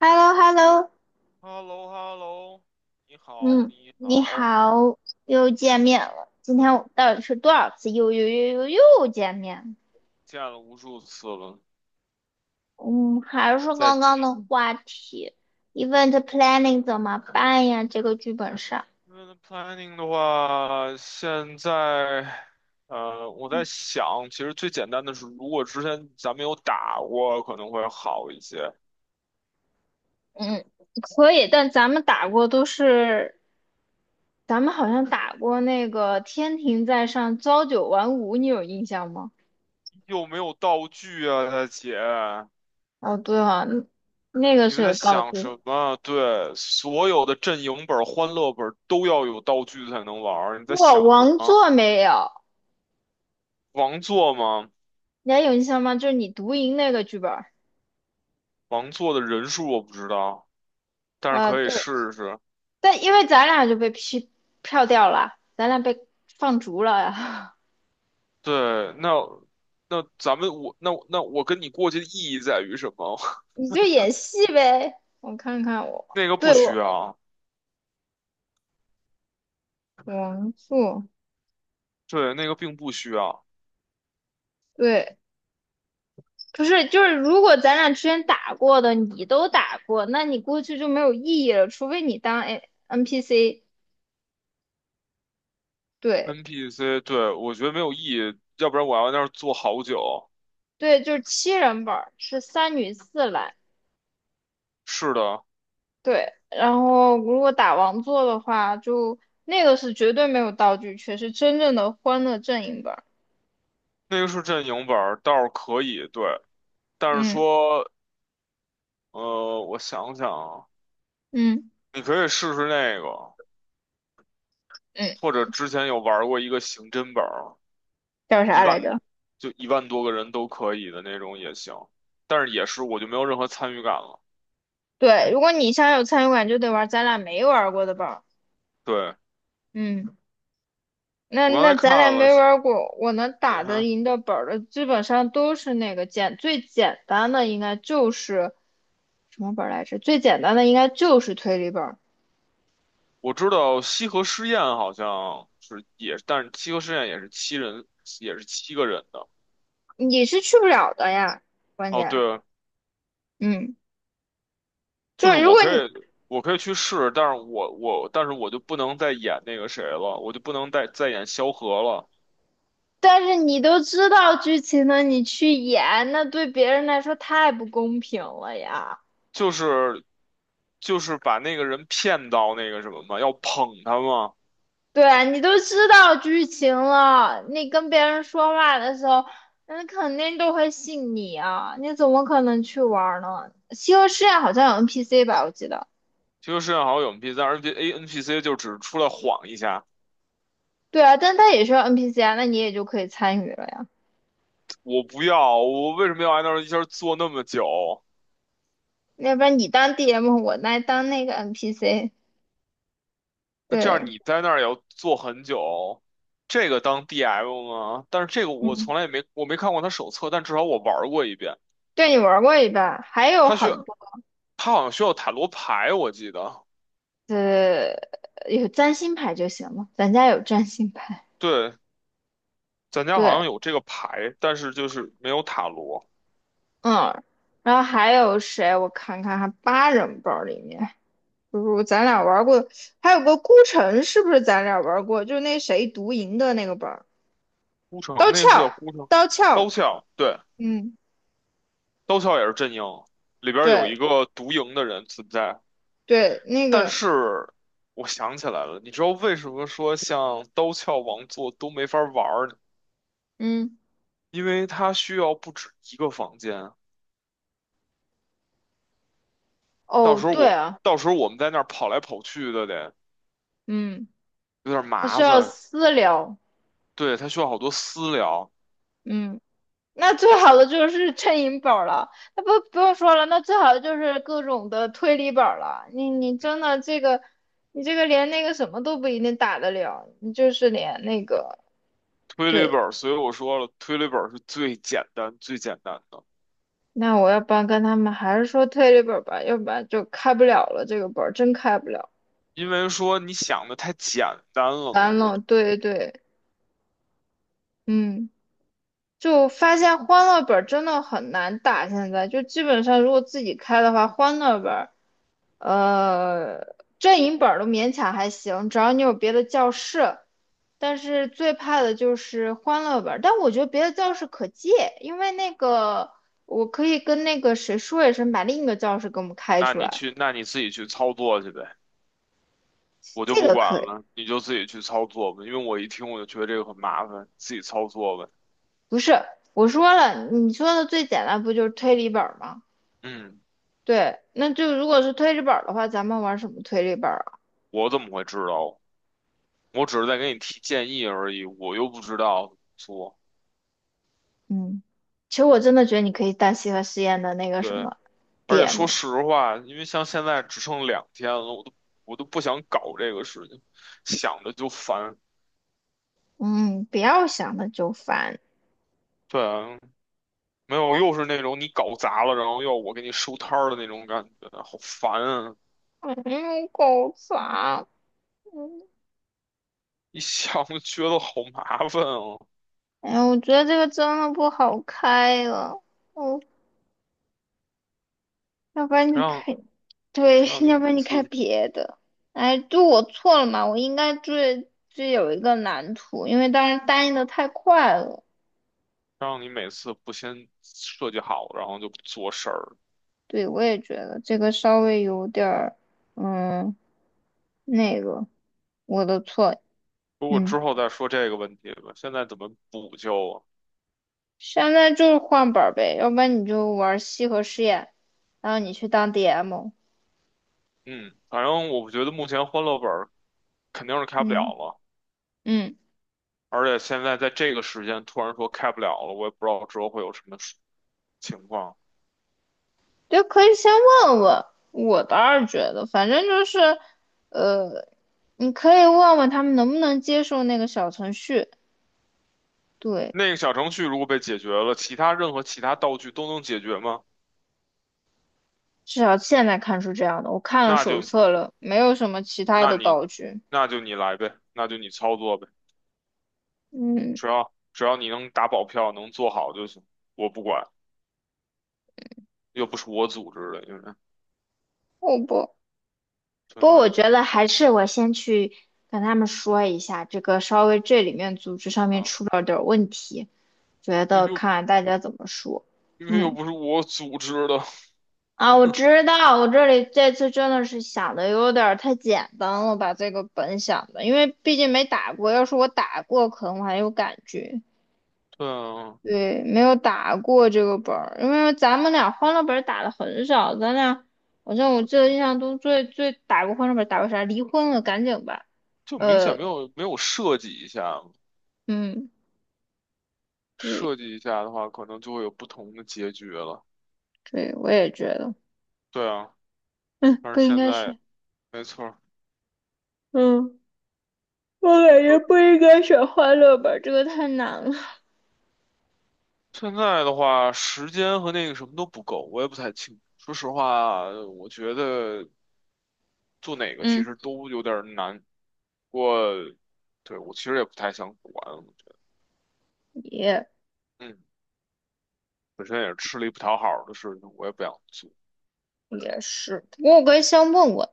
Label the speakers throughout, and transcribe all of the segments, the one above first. Speaker 1: h e l l o h e l l o
Speaker 2: h e l l o h e l l o 你好，
Speaker 1: 嗯，
Speaker 2: 你
Speaker 1: 你
Speaker 2: 好，
Speaker 1: 好，又见面了。今天我们到底是多少次又见面？
Speaker 2: 见了无数次了。
Speaker 1: 嗯，还是刚
Speaker 2: 在
Speaker 1: 刚的话题，event planning 怎么办呀？这个剧本上，
Speaker 2: 嗯 planning 的话，现在我在想，其实最简单的是，如果之前咱们有打过，可能会好一些。
Speaker 1: 嗯，可以，但咱们打过都是，咱们好像打过那个"天庭在上，朝九晚五"，你有印象吗？
Speaker 2: 又没有道具啊，大姐，
Speaker 1: 哦，对啊，那个
Speaker 2: 你
Speaker 1: 是
Speaker 2: 在
Speaker 1: 有道具
Speaker 2: 想
Speaker 1: 的。
Speaker 2: 什么？对，所有的阵营本、欢乐本都要有道具才能玩儿，你在
Speaker 1: 我
Speaker 2: 想什
Speaker 1: 王
Speaker 2: 么？
Speaker 1: 座没有，
Speaker 2: 王座吗？
Speaker 1: 你还有印象吗？就是你读赢那个剧本儿，
Speaker 2: 王座的人数我不知道，但是
Speaker 1: 对，
Speaker 2: 可以试试。
Speaker 1: 但因为咱俩就被批票掉了，咱俩被放逐了呀。
Speaker 2: 对，那那咱们我那那我跟你过去的意义在于什么？
Speaker 1: 你就演戏呗，我看看 我，
Speaker 2: 那个不
Speaker 1: 对
Speaker 2: 需
Speaker 1: 我
Speaker 2: 要，
Speaker 1: 王素，
Speaker 2: 对，那个并不需要。
Speaker 1: 对，不是，就是如果咱俩之前打过的你都打过，那你过去就没有意义了，除非你当 A NPC。对
Speaker 2: NPC，对，我觉得没有意义，要不然我要在那儿坐好久。
Speaker 1: 对，就是七人本儿，是三女四男。
Speaker 2: 是的，
Speaker 1: 对，然后如果打王座的话，就那个是绝对没有道具缺是真正的欢乐阵营本儿。
Speaker 2: 那个是阵营本儿，倒是可以，对，但是
Speaker 1: 嗯
Speaker 2: 说，我想想啊，
Speaker 1: 嗯
Speaker 2: 你可以试试那个，
Speaker 1: 嗯，
Speaker 2: 或者之前有玩过一个刑侦本儿，
Speaker 1: 叫
Speaker 2: 一
Speaker 1: 啥来
Speaker 2: 万
Speaker 1: 着？
Speaker 2: 就1万多个人都可以的那种也行，但是也是我就没有任何参与感了。
Speaker 1: 对，如果你想有参与感，就得玩咱俩没玩过的本儿。
Speaker 2: 对。
Speaker 1: 嗯，那
Speaker 2: 我刚
Speaker 1: 那
Speaker 2: 才看
Speaker 1: 咱俩
Speaker 2: 了，
Speaker 1: 没玩过，我能打
Speaker 2: 嗯
Speaker 1: 得
Speaker 2: 哼，
Speaker 1: 赢的本儿的，基本上都是那个最简单的，应该就是什么本儿来着？最简单的应该就是推理本儿，
Speaker 2: 我知道西河试验好像是也，但是西河试验也是七人，也是七个人的。
Speaker 1: 你是去不了的呀，关
Speaker 2: 哦，
Speaker 1: 键。
Speaker 2: 对，
Speaker 1: 嗯，
Speaker 2: 就
Speaker 1: 就
Speaker 2: 是
Speaker 1: 是如
Speaker 2: 我
Speaker 1: 果
Speaker 2: 可
Speaker 1: 你
Speaker 2: 以，我可以去试，但是我，但是我就不能再演那个谁了，我就不能再演萧何了，
Speaker 1: 但是你都知道剧情了，你去演，那对别人来说太不公平了呀。
Speaker 2: 就是就是把那个人骗到那个什么嘛，要捧他嘛。
Speaker 1: 对啊你都知道剧情了，你跟别人说话的时候，人肯定都会信你啊，你怎么可能去玩儿呢？西河试验好像有 NPC 吧，我记得。
Speaker 2: 西河试验好像有 NPC，但是 NPC 就只是出来晃一下，
Speaker 1: 对啊，但它也是 NPC 啊，那你也就可以参与了呀。
Speaker 2: 我不要，我为什么要挨那儿一下坐那么久？
Speaker 1: 要不然你当 DM，我来当那个 NPC。
Speaker 2: 那这样
Speaker 1: 对，
Speaker 2: 你在那儿也要坐很久，这个当 DM 吗？但是这个我
Speaker 1: 嗯，
Speaker 2: 从来也没，我没看过他手册，但至少我玩儿过一遍。
Speaker 1: 对你玩过一半，还有
Speaker 2: 他需
Speaker 1: 很
Speaker 2: 要，
Speaker 1: 多。
Speaker 2: 他好像需要塔罗牌，我记得。
Speaker 1: 呃，有占星牌就行了，咱家有占星牌。
Speaker 2: 对，咱家好
Speaker 1: 对，
Speaker 2: 像有这个牌，但是就是没有塔罗。
Speaker 1: 嗯，然后还有谁？我看看啊，还八人包里面，不如咱俩玩过，还有个孤城，是不是咱俩玩过？就那谁独赢的那个本儿
Speaker 2: 孤城
Speaker 1: 刀
Speaker 2: 那
Speaker 1: 鞘，
Speaker 2: 个是叫孤城，
Speaker 1: 刀
Speaker 2: 刀
Speaker 1: 鞘，
Speaker 2: 鞘，对，
Speaker 1: 嗯，
Speaker 2: 刀鞘也是阵营，里边儿有一
Speaker 1: 对
Speaker 2: 个独赢的人存在。
Speaker 1: 对，那
Speaker 2: 但
Speaker 1: 个，
Speaker 2: 是我想起来了，你知道为什么说像刀鞘王座都没法玩儿？
Speaker 1: 嗯，
Speaker 2: 因为它需要不止一个房间，
Speaker 1: 哦，对啊，
Speaker 2: 到时候我们在那儿跑来跑去的得
Speaker 1: 嗯，
Speaker 2: 有点
Speaker 1: 他需
Speaker 2: 麻
Speaker 1: 要
Speaker 2: 烦。
Speaker 1: 私聊，
Speaker 2: 对，它需要好多私聊，
Speaker 1: 嗯。那最好的就是衬银本儿了，那不用说了，那最好的就是各种的推理本儿了。你真的这个，你这个连那个什么都不一定打得了，你就是连那个
Speaker 2: 推理
Speaker 1: 对。
Speaker 2: 本儿，所以我说了，推理本儿是最简单最简单的，
Speaker 1: 那我要不然跟他们还是说推理本儿吧，要不然就开不了了，这个本儿真开不了，
Speaker 2: 因为说你想的太简单了嘛，
Speaker 1: 完
Speaker 2: 我
Speaker 1: 了，对对，嗯。就发现欢乐本儿真的很难打，现在就基本上如果自己开的话，欢乐本儿，阵营本儿都勉强还行，只要你有别的教室。但是最怕的就是欢乐本儿，但我觉得别的教室可借，因为那个我可以跟那个谁说一声，把另一个教室给我们开
Speaker 2: 那
Speaker 1: 出
Speaker 2: 你
Speaker 1: 来，
Speaker 2: 去那你自己去操作去呗，我就
Speaker 1: 这
Speaker 2: 不
Speaker 1: 个
Speaker 2: 管
Speaker 1: 可以。
Speaker 2: 了，你就自己去操作吧，因为我一听我就觉得这个很麻烦，自己操作呗。
Speaker 1: 不是，我说了，你说的最简单不就是推理本儿吗？
Speaker 2: 嗯，
Speaker 1: 对，那就如果是推理本儿的话，咱们玩什么推理本儿啊？
Speaker 2: 我怎么会知道？我只是在给你提建议而已，我又不知道怎么做。
Speaker 1: 嗯，其实我真的觉得你可以当西河实验的那个什
Speaker 2: 对。
Speaker 1: 么
Speaker 2: 而且说
Speaker 1: DM，
Speaker 2: 实话，因为像现在只剩2天了，我都不想搞这个事情，想着就烦。
Speaker 1: 嗯，不要想的就烦，
Speaker 2: 对啊，没有，又是那种你搞砸了，然后要我给你收摊儿的那种感觉，好烦啊！
Speaker 1: 嗯，搞烦。
Speaker 2: 一想就觉得好麻烦啊，
Speaker 1: 哎呀，我觉得这个真的不好开了，哦，要不然
Speaker 2: 谁
Speaker 1: 你
Speaker 2: 让
Speaker 1: 开，对，
Speaker 2: 谁让 你
Speaker 1: 要
Speaker 2: 每
Speaker 1: 不然你
Speaker 2: 次
Speaker 1: 开
Speaker 2: 谁
Speaker 1: 别的。哎，就我错了嘛，我应该追追有一个蓝图，因为当时答应的太快了。
Speaker 2: 让你每次不先设计好，然后就不做事儿。
Speaker 1: 对，我也觉得这个稍微有点儿，嗯，那个，我的错，
Speaker 2: 如果
Speaker 1: 嗯。
Speaker 2: 之后再说这个问题吧，现在怎么补救啊？
Speaker 1: 现在就是换本儿呗，要不然你就玩西河试验，然后你去当 DM。
Speaker 2: 嗯，反正我觉得目前欢乐本儿肯定是开不了
Speaker 1: 嗯
Speaker 2: 了。
Speaker 1: 嗯，
Speaker 2: 而且现在在这个时间突然说开不了了，我也不知道之后会有什么情况。
Speaker 1: 就可以先问问。我倒是觉得，反正就是，呃，你可以问问他们能不能接受那个小程序。对，
Speaker 2: 那个小程序如果被解决了，其他任何其他道具都能解决吗？
Speaker 1: 至少现在看出这样的。我看了
Speaker 2: 那
Speaker 1: 手
Speaker 2: 就
Speaker 1: 册了，没有什么其他
Speaker 2: 那
Speaker 1: 的
Speaker 2: 你
Speaker 1: 道具。
Speaker 2: 那就你来呗，那就你操作呗，
Speaker 1: 嗯，
Speaker 2: 只要你能打保票，能做好就行，我不管，又不是我组织的，因为
Speaker 1: 好吧。
Speaker 2: 对
Speaker 1: 不过
Speaker 2: 吧？
Speaker 1: 我
Speaker 2: 又不
Speaker 1: 觉得还是我先去跟他们说一下，这个稍微这里面组织上面
Speaker 2: 啊，
Speaker 1: 出了点儿问题，觉
Speaker 2: 那
Speaker 1: 得
Speaker 2: 又
Speaker 1: 看大家怎么说。
Speaker 2: 因为又
Speaker 1: 嗯，
Speaker 2: 不是我组织的，
Speaker 1: 啊，我知道，我这里这次真的是想的有点儿太简单了，把这个本想的，因为毕竟没打过，要是我打过，可能我还有感觉。
Speaker 2: 对啊，
Speaker 1: 对，没有打过这个本儿，因为咱们俩欢乐本儿打的很少，咱俩好像我记得印象中最最打过欢乐本儿打过啥？离婚了，赶紧吧。
Speaker 2: 就明显没
Speaker 1: 呃，
Speaker 2: 有没有设计一下嘛
Speaker 1: 嗯，对
Speaker 2: 设计一下的话，可能就会有不同的结局了，
Speaker 1: 对，我也觉得，
Speaker 2: 对啊。
Speaker 1: 嗯，
Speaker 2: 但
Speaker 1: 不
Speaker 2: 是
Speaker 1: 应
Speaker 2: 现
Speaker 1: 该
Speaker 2: 在
Speaker 1: 选，
Speaker 2: 没错儿，
Speaker 1: 嗯，我感觉不应该选欢乐吧，这个太难了。
Speaker 2: 现在的话，时间和那个什么都不够，我也不太清楚。说实话，我觉得做哪 个其实
Speaker 1: 嗯，
Speaker 2: 都有点儿难。不过，对，我其实也不太想管，我觉得，
Speaker 1: 也
Speaker 2: 嗯，本身也是吃力不讨好的事情，我也不想做。
Speaker 1: 也是，不过我可以先问问，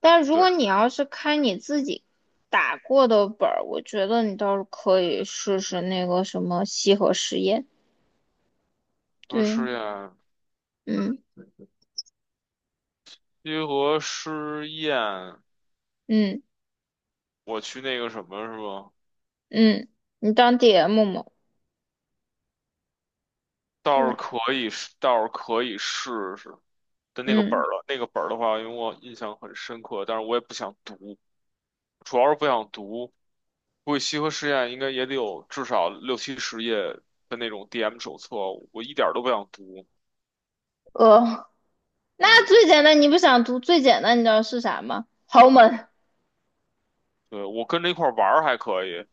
Speaker 1: 但如
Speaker 2: 对，
Speaker 1: 果你要是开你自己打过的本儿，我觉得你倒是可以试试那个什么西河实验。
Speaker 2: 说试
Speaker 1: 对，
Speaker 2: 验，
Speaker 1: 嗯
Speaker 2: 结合试验，
Speaker 1: 嗯
Speaker 2: 我去那个什么是吧？
Speaker 1: 嗯，你当 DM 嘛？对，
Speaker 2: 倒是可以试试。但那个本
Speaker 1: 嗯，
Speaker 2: 儿了，那个本儿的话，因为我印象很深刻，但是我也不想读。主要是不想读。估计西河实验应该也得有至少六七十页的那种 DM 手册，我一点儿都不想读。
Speaker 1: 呃，那
Speaker 2: 嗯
Speaker 1: 最简单，你不想读最简单，你知道是啥吗？豪
Speaker 2: 嗯，
Speaker 1: 门。
Speaker 2: 对，我跟着一块儿玩儿还可以，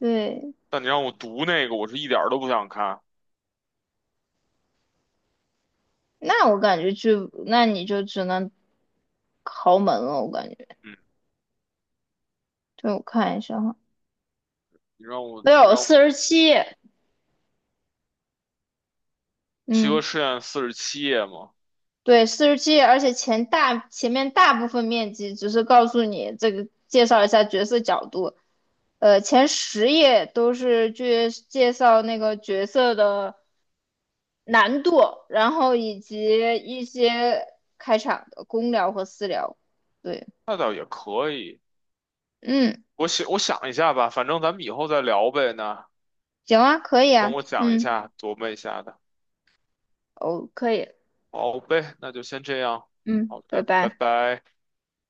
Speaker 1: 对。
Speaker 2: 但你让我读那个，我是一点儿都不想看。
Speaker 1: 那我感觉就，那你就只能豪门了，我感觉。
Speaker 2: 嗯，
Speaker 1: 对，我看一下哈，
Speaker 2: 你让我
Speaker 1: 没
Speaker 2: 你
Speaker 1: 有
Speaker 2: 让我
Speaker 1: 四十七，
Speaker 2: 西河
Speaker 1: 嗯，
Speaker 2: 实验47页嘛，
Speaker 1: 对，四十七，而且前面大部分面积只是告诉你这个，介绍一下角色角度，前10页都是去介绍那个角色的难度，然后以及一些开场的公聊和私聊。对，
Speaker 2: 那倒也可以。
Speaker 1: 嗯，
Speaker 2: 我想一下吧，反正咱们以后再聊呗。那
Speaker 1: 行啊，可以
Speaker 2: 等
Speaker 1: 啊，
Speaker 2: 我讲一
Speaker 1: 嗯，
Speaker 2: 下，琢磨一下的。
Speaker 1: 哦，可以。
Speaker 2: 好呗，那就先这样。
Speaker 1: 嗯，
Speaker 2: 好
Speaker 1: 拜
Speaker 2: 的，拜
Speaker 1: 拜。
Speaker 2: 拜。